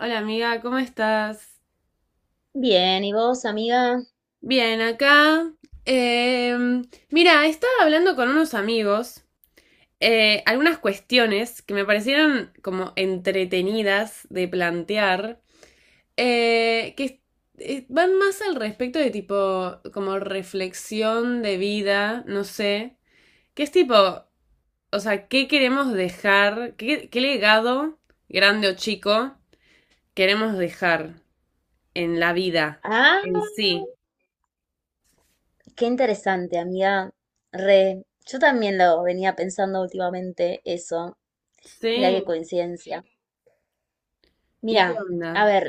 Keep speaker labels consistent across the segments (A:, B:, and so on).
A: Hola amiga, ¿cómo estás?
B: Bien, ¿y vos, amiga?
A: Bien, acá. Em, Mira, estaba hablando con unos amigos algunas cuestiones que me parecieron como entretenidas de plantear, que van más al respecto de tipo como reflexión de vida, no sé, que es tipo, o sea, ¿qué queremos dejar? ¿Qué legado, grande o chico, queremos dejar en la vida
B: Ah,
A: en sí?
B: qué interesante, amiga. Re, yo también lo venía pensando últimamente eso. Mira qué
A: Sí.
B: coincidencia.
A: ¿Y
B: Mira,
A: qué
B: a
A: onda?
B: ver,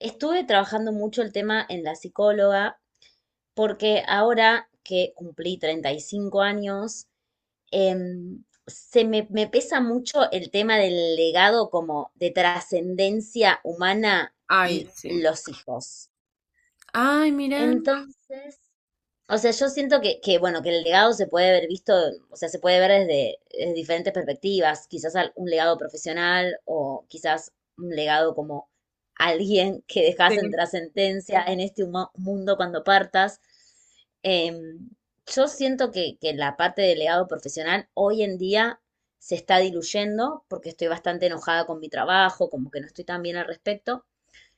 B: estuve trabajando mucho el tema en la psicóloga porque ahora que cumplí 35 años, me pesa mucho el tema del legado como de trascendencia humana
A: Ay,
B: y
A: sí.
B: los hijos.
A: Ay, mira.
B: Entonces, o sea, yo siento que, bueno, que el legado se puede haber visto, o sea, se puede ver desde diferentes perspectivas, quizás un legado profesional o quizás un legado como alguien que
A: Sí,
B: dejas en sentencia en este mundo cuando partas. Em, yo siento que la parte del legado profesional hoy en día se está diluyendo porque estoy bastante enojada con mi trabajo, como que no estoy tan bien al respecto,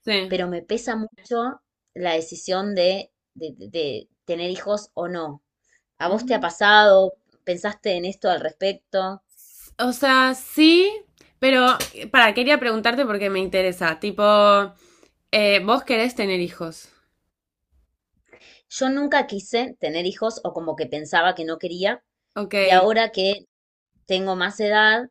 A: sí.
B: pero me pesa mucho la decisión de tener hijos o no. ¿A vos te ha
A: Mm.
B: pasado? ¿Pensaste en esto al respecto?
A: O sea, sí, pero quería preguntarte porque me interesa. Tipo, vos querés tener hijos.
B: Yo nunca quise tener hijos o como que pensaba que no quería
A: Ok,
B: y ahora que tengo más edad,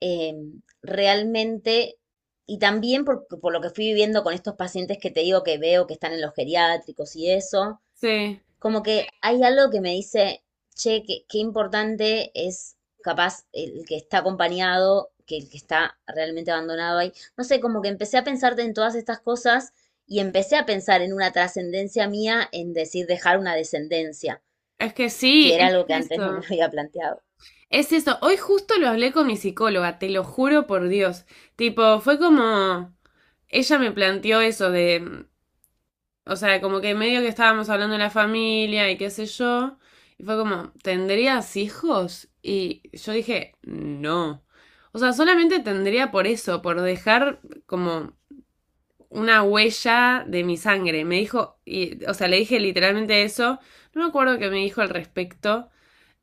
B: eh, realmente, y también por lo que fui viviendo con estos pacientes que te digo que veo que están en los geriátricos y eso.
A: sí.
B: Como que hay algo que me dice, che, qué importante es capaz el que está acompañado, que el que está realmente abandonado ahí. No sé, como que empecé a pensarte en todas estas cosas y empecé a pensar en una trascendencia mía, en decir dejar una descendencia,
A: Es que sí,
B: que era
A: es
B: algo que antes no me
A: eso.
B: había planteado.
A: Es eso. Hoy justo lo hablé con mi psicóloga, te lo juro por Dios. Tipo, fue como. Ella me planteó eso de. O sea, como que medio que estábamos hablando de la familia y qué sé yo. Y fue como, ¿tendrías hijos? Y yo dije, no. O sea, solamente tendría por eso, por dejar como una huella de mi sangre. Me dijo, y, o sea, le dije literalmente eso. No me acuerdo qué me dijo al respecto.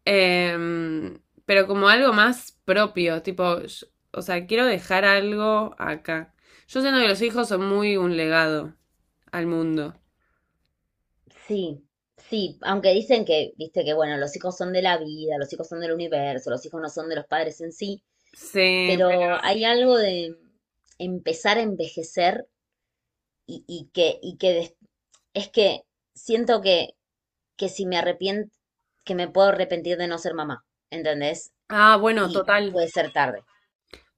A: Pero como algo más propio, tipo, o sea, quiero dejar algo acá. Yo siento que los hijos son muy un legado al mundo.
B: Sí, sí, aunque dicen que, viste, que bueno, los hijos son de la vida, los hijos son del universo, los hijos no son de los padres en sí,
A: Sí, pero...
B: pero hay algo de empezar a envejecer y, y que, y que des- es que siento que si me arrepiento, que me puedo arrepentir de no ser mamá, ¿entendés?
A: Ah, bueno,
B: Y
A: total,
B: puede ser tarde.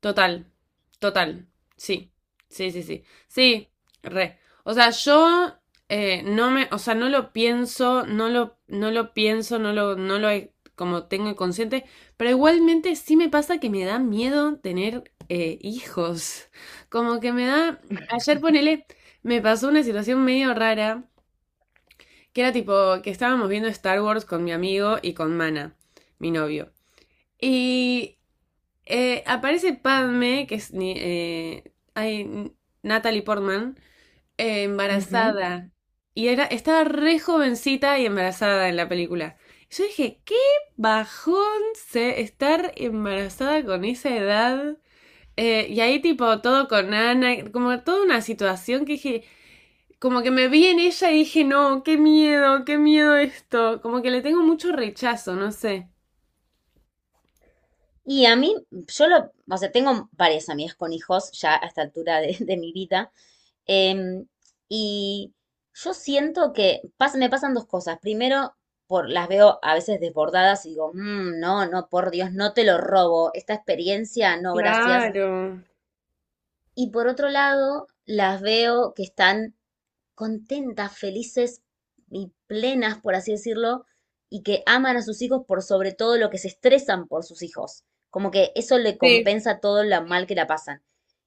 A: total, total. Sí, sí, sí, sí. Sí, re. O sea, yo o sea, no lo pienso, no lo he- como tengo consciente, pero igualmente sí me pasa que me da miedo tener hijos. Como que ayer ponele, me pasó una situación medio rara, que era tipo que estábamos viendo Star Wars con mi amigo y con Mana, mi novio. Y aparece Padme, que es ay, Natalie Portman,
B: Ujú.
A: embarazada. Y estaba re jovencita y embarazada en la película. Y yo dije, qué bajón se estar embarazada con esa edad. Y ahí tipo todo con Ana, como toda una situación que dije, como que me vi en ella y dije, no, qué miedo esto. Como que le tengo mucho rechazo, no sé.
B: Y a mí, yo lo, o sea, tengo varias amigas con hijos ya a esta altura de mi vida, em, y yo siento que me pasan dos cosas. Primero, las veo a veces desbordadas y digo, "Mm, no, no, por Dios, no te lo robo, esta experiencia, no, gracias.
A: Claro.
B: Y por otro lado, las veo que están contentas, felices y plenas, por así decirlo, y que aman a sus hijos por sobre todo lo que se estresan por sus hijos. Como que eso le
A: Sí,
B: compensa todo lo mal que la pasan.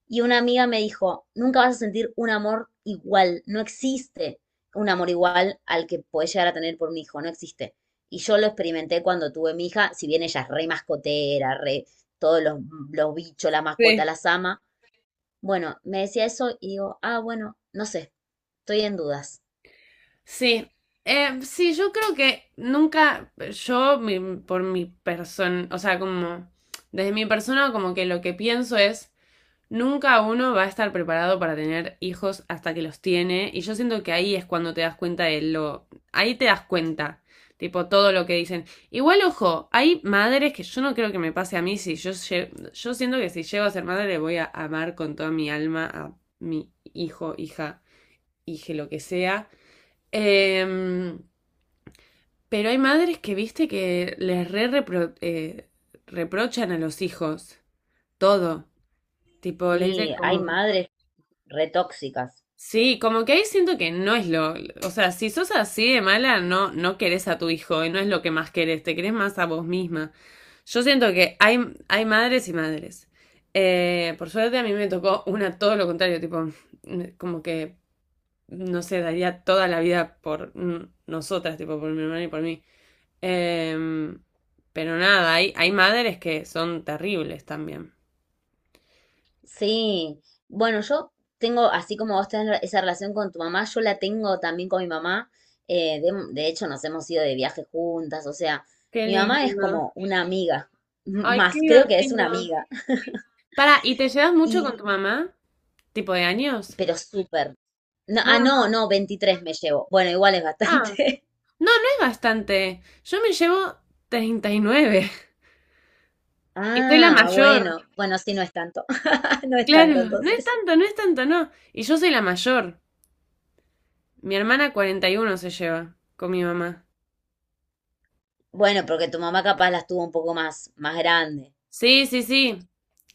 B: Y una amiga me dijo, nunca vas a sentir un amor igual, no existe un amor igual al que puedes llegar a tener por un hijo, no existe. Y yo lo experimenté cuando tuve mi hija, si bien ella es re mascotera, re todos los bichos, la mascota
A: sí.
B: las ama, bueno, me decía eso y digo, ah, bueno, no sé, estoy en dudas.
A: Sí, sí, yo creo que nunca, por mi persona, o sea, como desde mi persona, como que lo que pienso es, nunca uno va a estar preparado para tener hijos hasta que los tiene, y yo siento que ahí es cuando te das cuenta de lo, ahí te das cuenta, tipo todo lo que dicen. Igual, ojo, hay madres que yo no creo que me pase a mí, si yo siento que si llego a ser madre voy a amar con toda mi alma a mi hijo, hija, hije, lo que sea. Em, pero hay madres que, viste, que les reprochan a los hijos todo. Tipo, le dicen
B: Y hay
A: como...
B: madres retóxicas.
A: Sí, como que ahí siento que no es lo... O sea, si sos así de mala, no, no querés a tu hijo y no es lo que más querés, te querés más a vos misma. Yo siento que hay madres y madres. Por suerte a mí me tocó una todo lo contrario, tipo, como que, no sé, daría toda la vida por nosotras, tipo, por mi hermana y por mí. Em, pero nada, hay madres que son terribles también.
B: Sí, bueno, yo tengo, así como vos tenés esa relación con tu mamá, yo la tengo también con mi mamá. De hecho, nos hemos ido de viaje juntas, o sea,
A: Qué
B: mi mamá es
A: lindo.
B: como una amiga,
A: Ay, qué
B: más creo que es una
A: divertido.
B: amiga.
A: Para, ¿y te llevas mucho con tu
B: Y,
A: mamá? ¿Tipo de años?
B: pero súper. No,
A: No,
B: ah,
A: no,
B: no,
A: no.
B: no, 23 me llevo. Bueno, igual es bastante.
A: Ah, no, no es bastante. Yo me llevo 39 y soy la
B: Ah,
A: mayor.
B: bueno, bueno, sí, no es tanto. No es
A: Claro,
B: tanto,
A: no es
B: entonces.
A: tanto, no es tanto, no. Y yo soy la mayor. Mi hermana 41 se lleva con mi mamá.
B: Bueno, porque tu mamá capaz las tuvo un poco más grande.
A: Sí, sí, sí.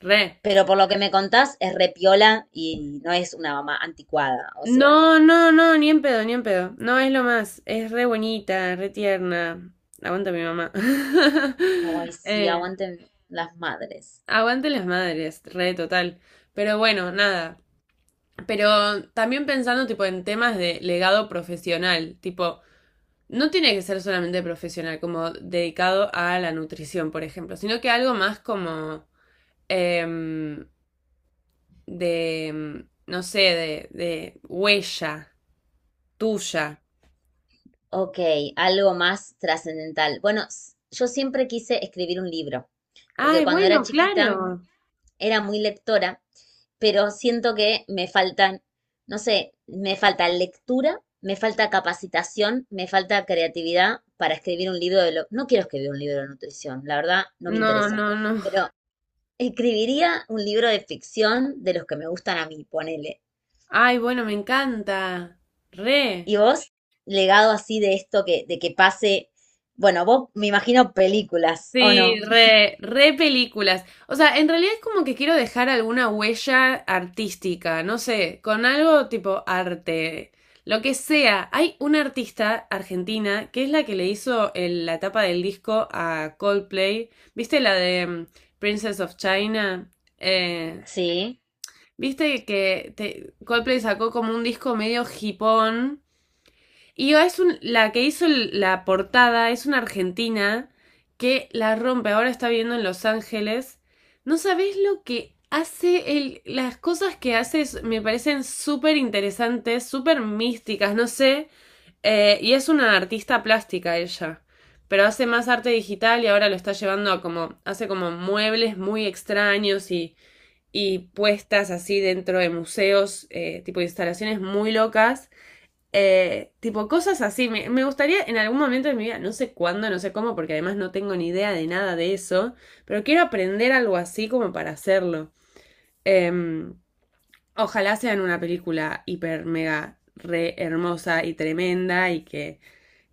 A: Re.
B: Pero por lo que me contás, es repiola y no es una mamá anticuada. O sea,
A: No, no, no, ni en pedo, ni en pedo. No es lo más. Es re bonita, re tierna. Aguanta mi mamá.
B: ay, sí,
A: Eh,
B: aguanten las madres.
A: Aguante las madres, re total. Pero bueno, nada. Pero también pensando tipo en temas de legado profesional, tipo, no tiene que ser solamente profesional, como dedicado a la nutrición, por ejemplo, sino que algo más como em, no sé, de huella tuya.
B: Ok, algo más trascendental. Bueno, yo siempre quise escribir un libro, porque
A: Ay,
B: cuando era
A: bueno,
B: chiquita
A: claro.
B: era muy lectora pero siento que me faltan, no sé, me falta lectura, me falta capacitación, me falta creatividad para escribir un libro de lo... No quiero escribir un libro de nutrición, la verdad no me
A: No,
B: interesa,
A: no, no.
B: pero escribiría un libro de ficción de los que me gustan a mí, ponele.
A: Ay, bueno, me encanta. Re.
B: ¿Y vos, legado así de esto que, de que pase, bueno, vos me imagino películas, ¿o
A: Sí,
B: no?
A: re, re películas. O sea, en realidad es como que quiero dejar alguna huella artística, no sé, con algo tipo arte, lo que sea. Hay una artista argentina que es la que le hizo la tapa del disco a Coldplay. ¿Viste la de Princess of China? Eh,
B: Sí.
A: ¿Viste que Coldplay sacó como un disco medio hipón? Y es la que hizo la portada es una argentina que la rompe. Ahora está viviendo en Los Ángeles. No sabés lo que hace él. Las cosas que hace me parecen súper interesantes, súper místicas, no sé. Y es una artista plástica ella. Pero hace más arte digital y ahora lo está llevando a como. Hace como muebles muy extraños y puestas así dentro de museos, tipo instalaciones muy locas. Tipo, cosas así. Me gustaría en algún momento de mi vida, no sé cuándo, no sé cómo, porque además no tengo ni idea de nada de eso, pero quiero aprender algo así como para hacerlo. Em, Ojalá sea en una película hiper, mega, re hermosa y tremenda y que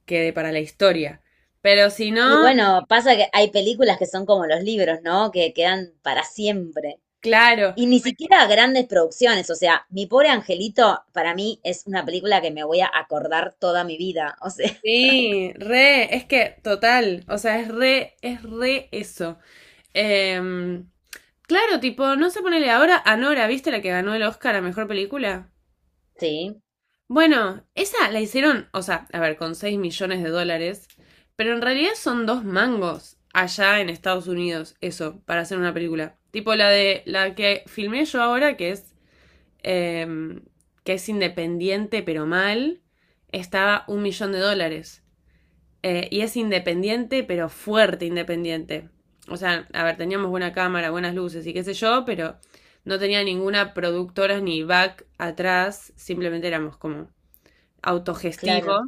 A: quede para la historia. Pero si
B: Y
A: no,
B: bueno, pasa que hay películas que son como los libros, ¿no? Que quedan para siempre.
A: claro,
B: Y ni siquiera grandes producciones, o sea, Mi pobre angelito para mí es una película que me voy a acordar toda mi vida, o sea,
A: sí, re, es que total, o sea, es re eso. Em, claro, tipo, no se ponele ahora a Nora, ¿viste la que ganó el Oscar a Mejor Película?
B: sí,
A: Bueno, esa la hicieron, o sea, a ver, con 6 millones de dólares, pero en realidad son dos mangos allá en Estados Unidos, eso, para hacer una película. Tipo la de la que filmé yo ahora, que es, em, que es independiente pero mal, estaba 1 millón de dólares. Y es independiente, pero fuerte independiente. O sea, a ver, teníamos buena cámara, buenas luces y qué sé yo, pero no tenía ninguna productora ni back atrás, simplemente éramos como autogestivo.
B: claro.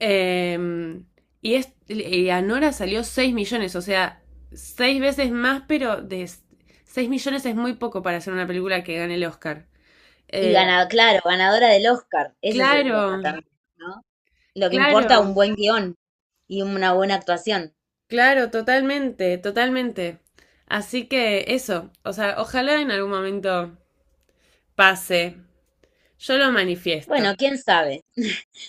A: Eh, y a Nora salió 6 millones, o sea, 6 veces más, pero de 6 millones es muy poco para hacer una película que gane el Oscar.
B: Y
A: Eh,
B: ganado, claro, ganadora del Oscar, ese es el tema
A: claro,
B: también, ¿no? Lo que importa un
A: claro.
B: buen guión y una buena actuación.
A: Claro, totalmente, totalmente. Así que eso, o sea, ojalá en algún momento pase. Yo lo manifiesto,
B: Bueno, quién sabe,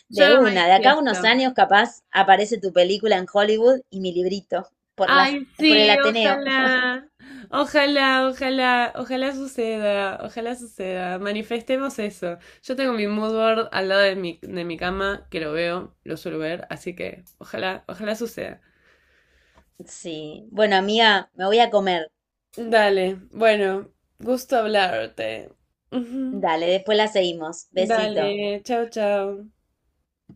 B: de
A: yo lo
B: una, de acá a unos
A: manifiesto.
B: años capaz aparece tu película en Hollywood y mi librito por las,
A: Ay,
B: por el
A: sí,
B: Ateneo.
A: ojalá, ojalá, ojalá, ojalá suceda, ojalá suceda. Manifestemos eso. Yo tengo mi mood board al lado de mi cama, que lo veo, lo suelo ver, así que ojalá, ojalá suceda.
B: Sí, bueno, amiga, me voy a comer.
A: Dale, bueno, gusto hablarte. Ujú.
B: Dale, después la seguimos. Besito.
A: Dale, chao, chao.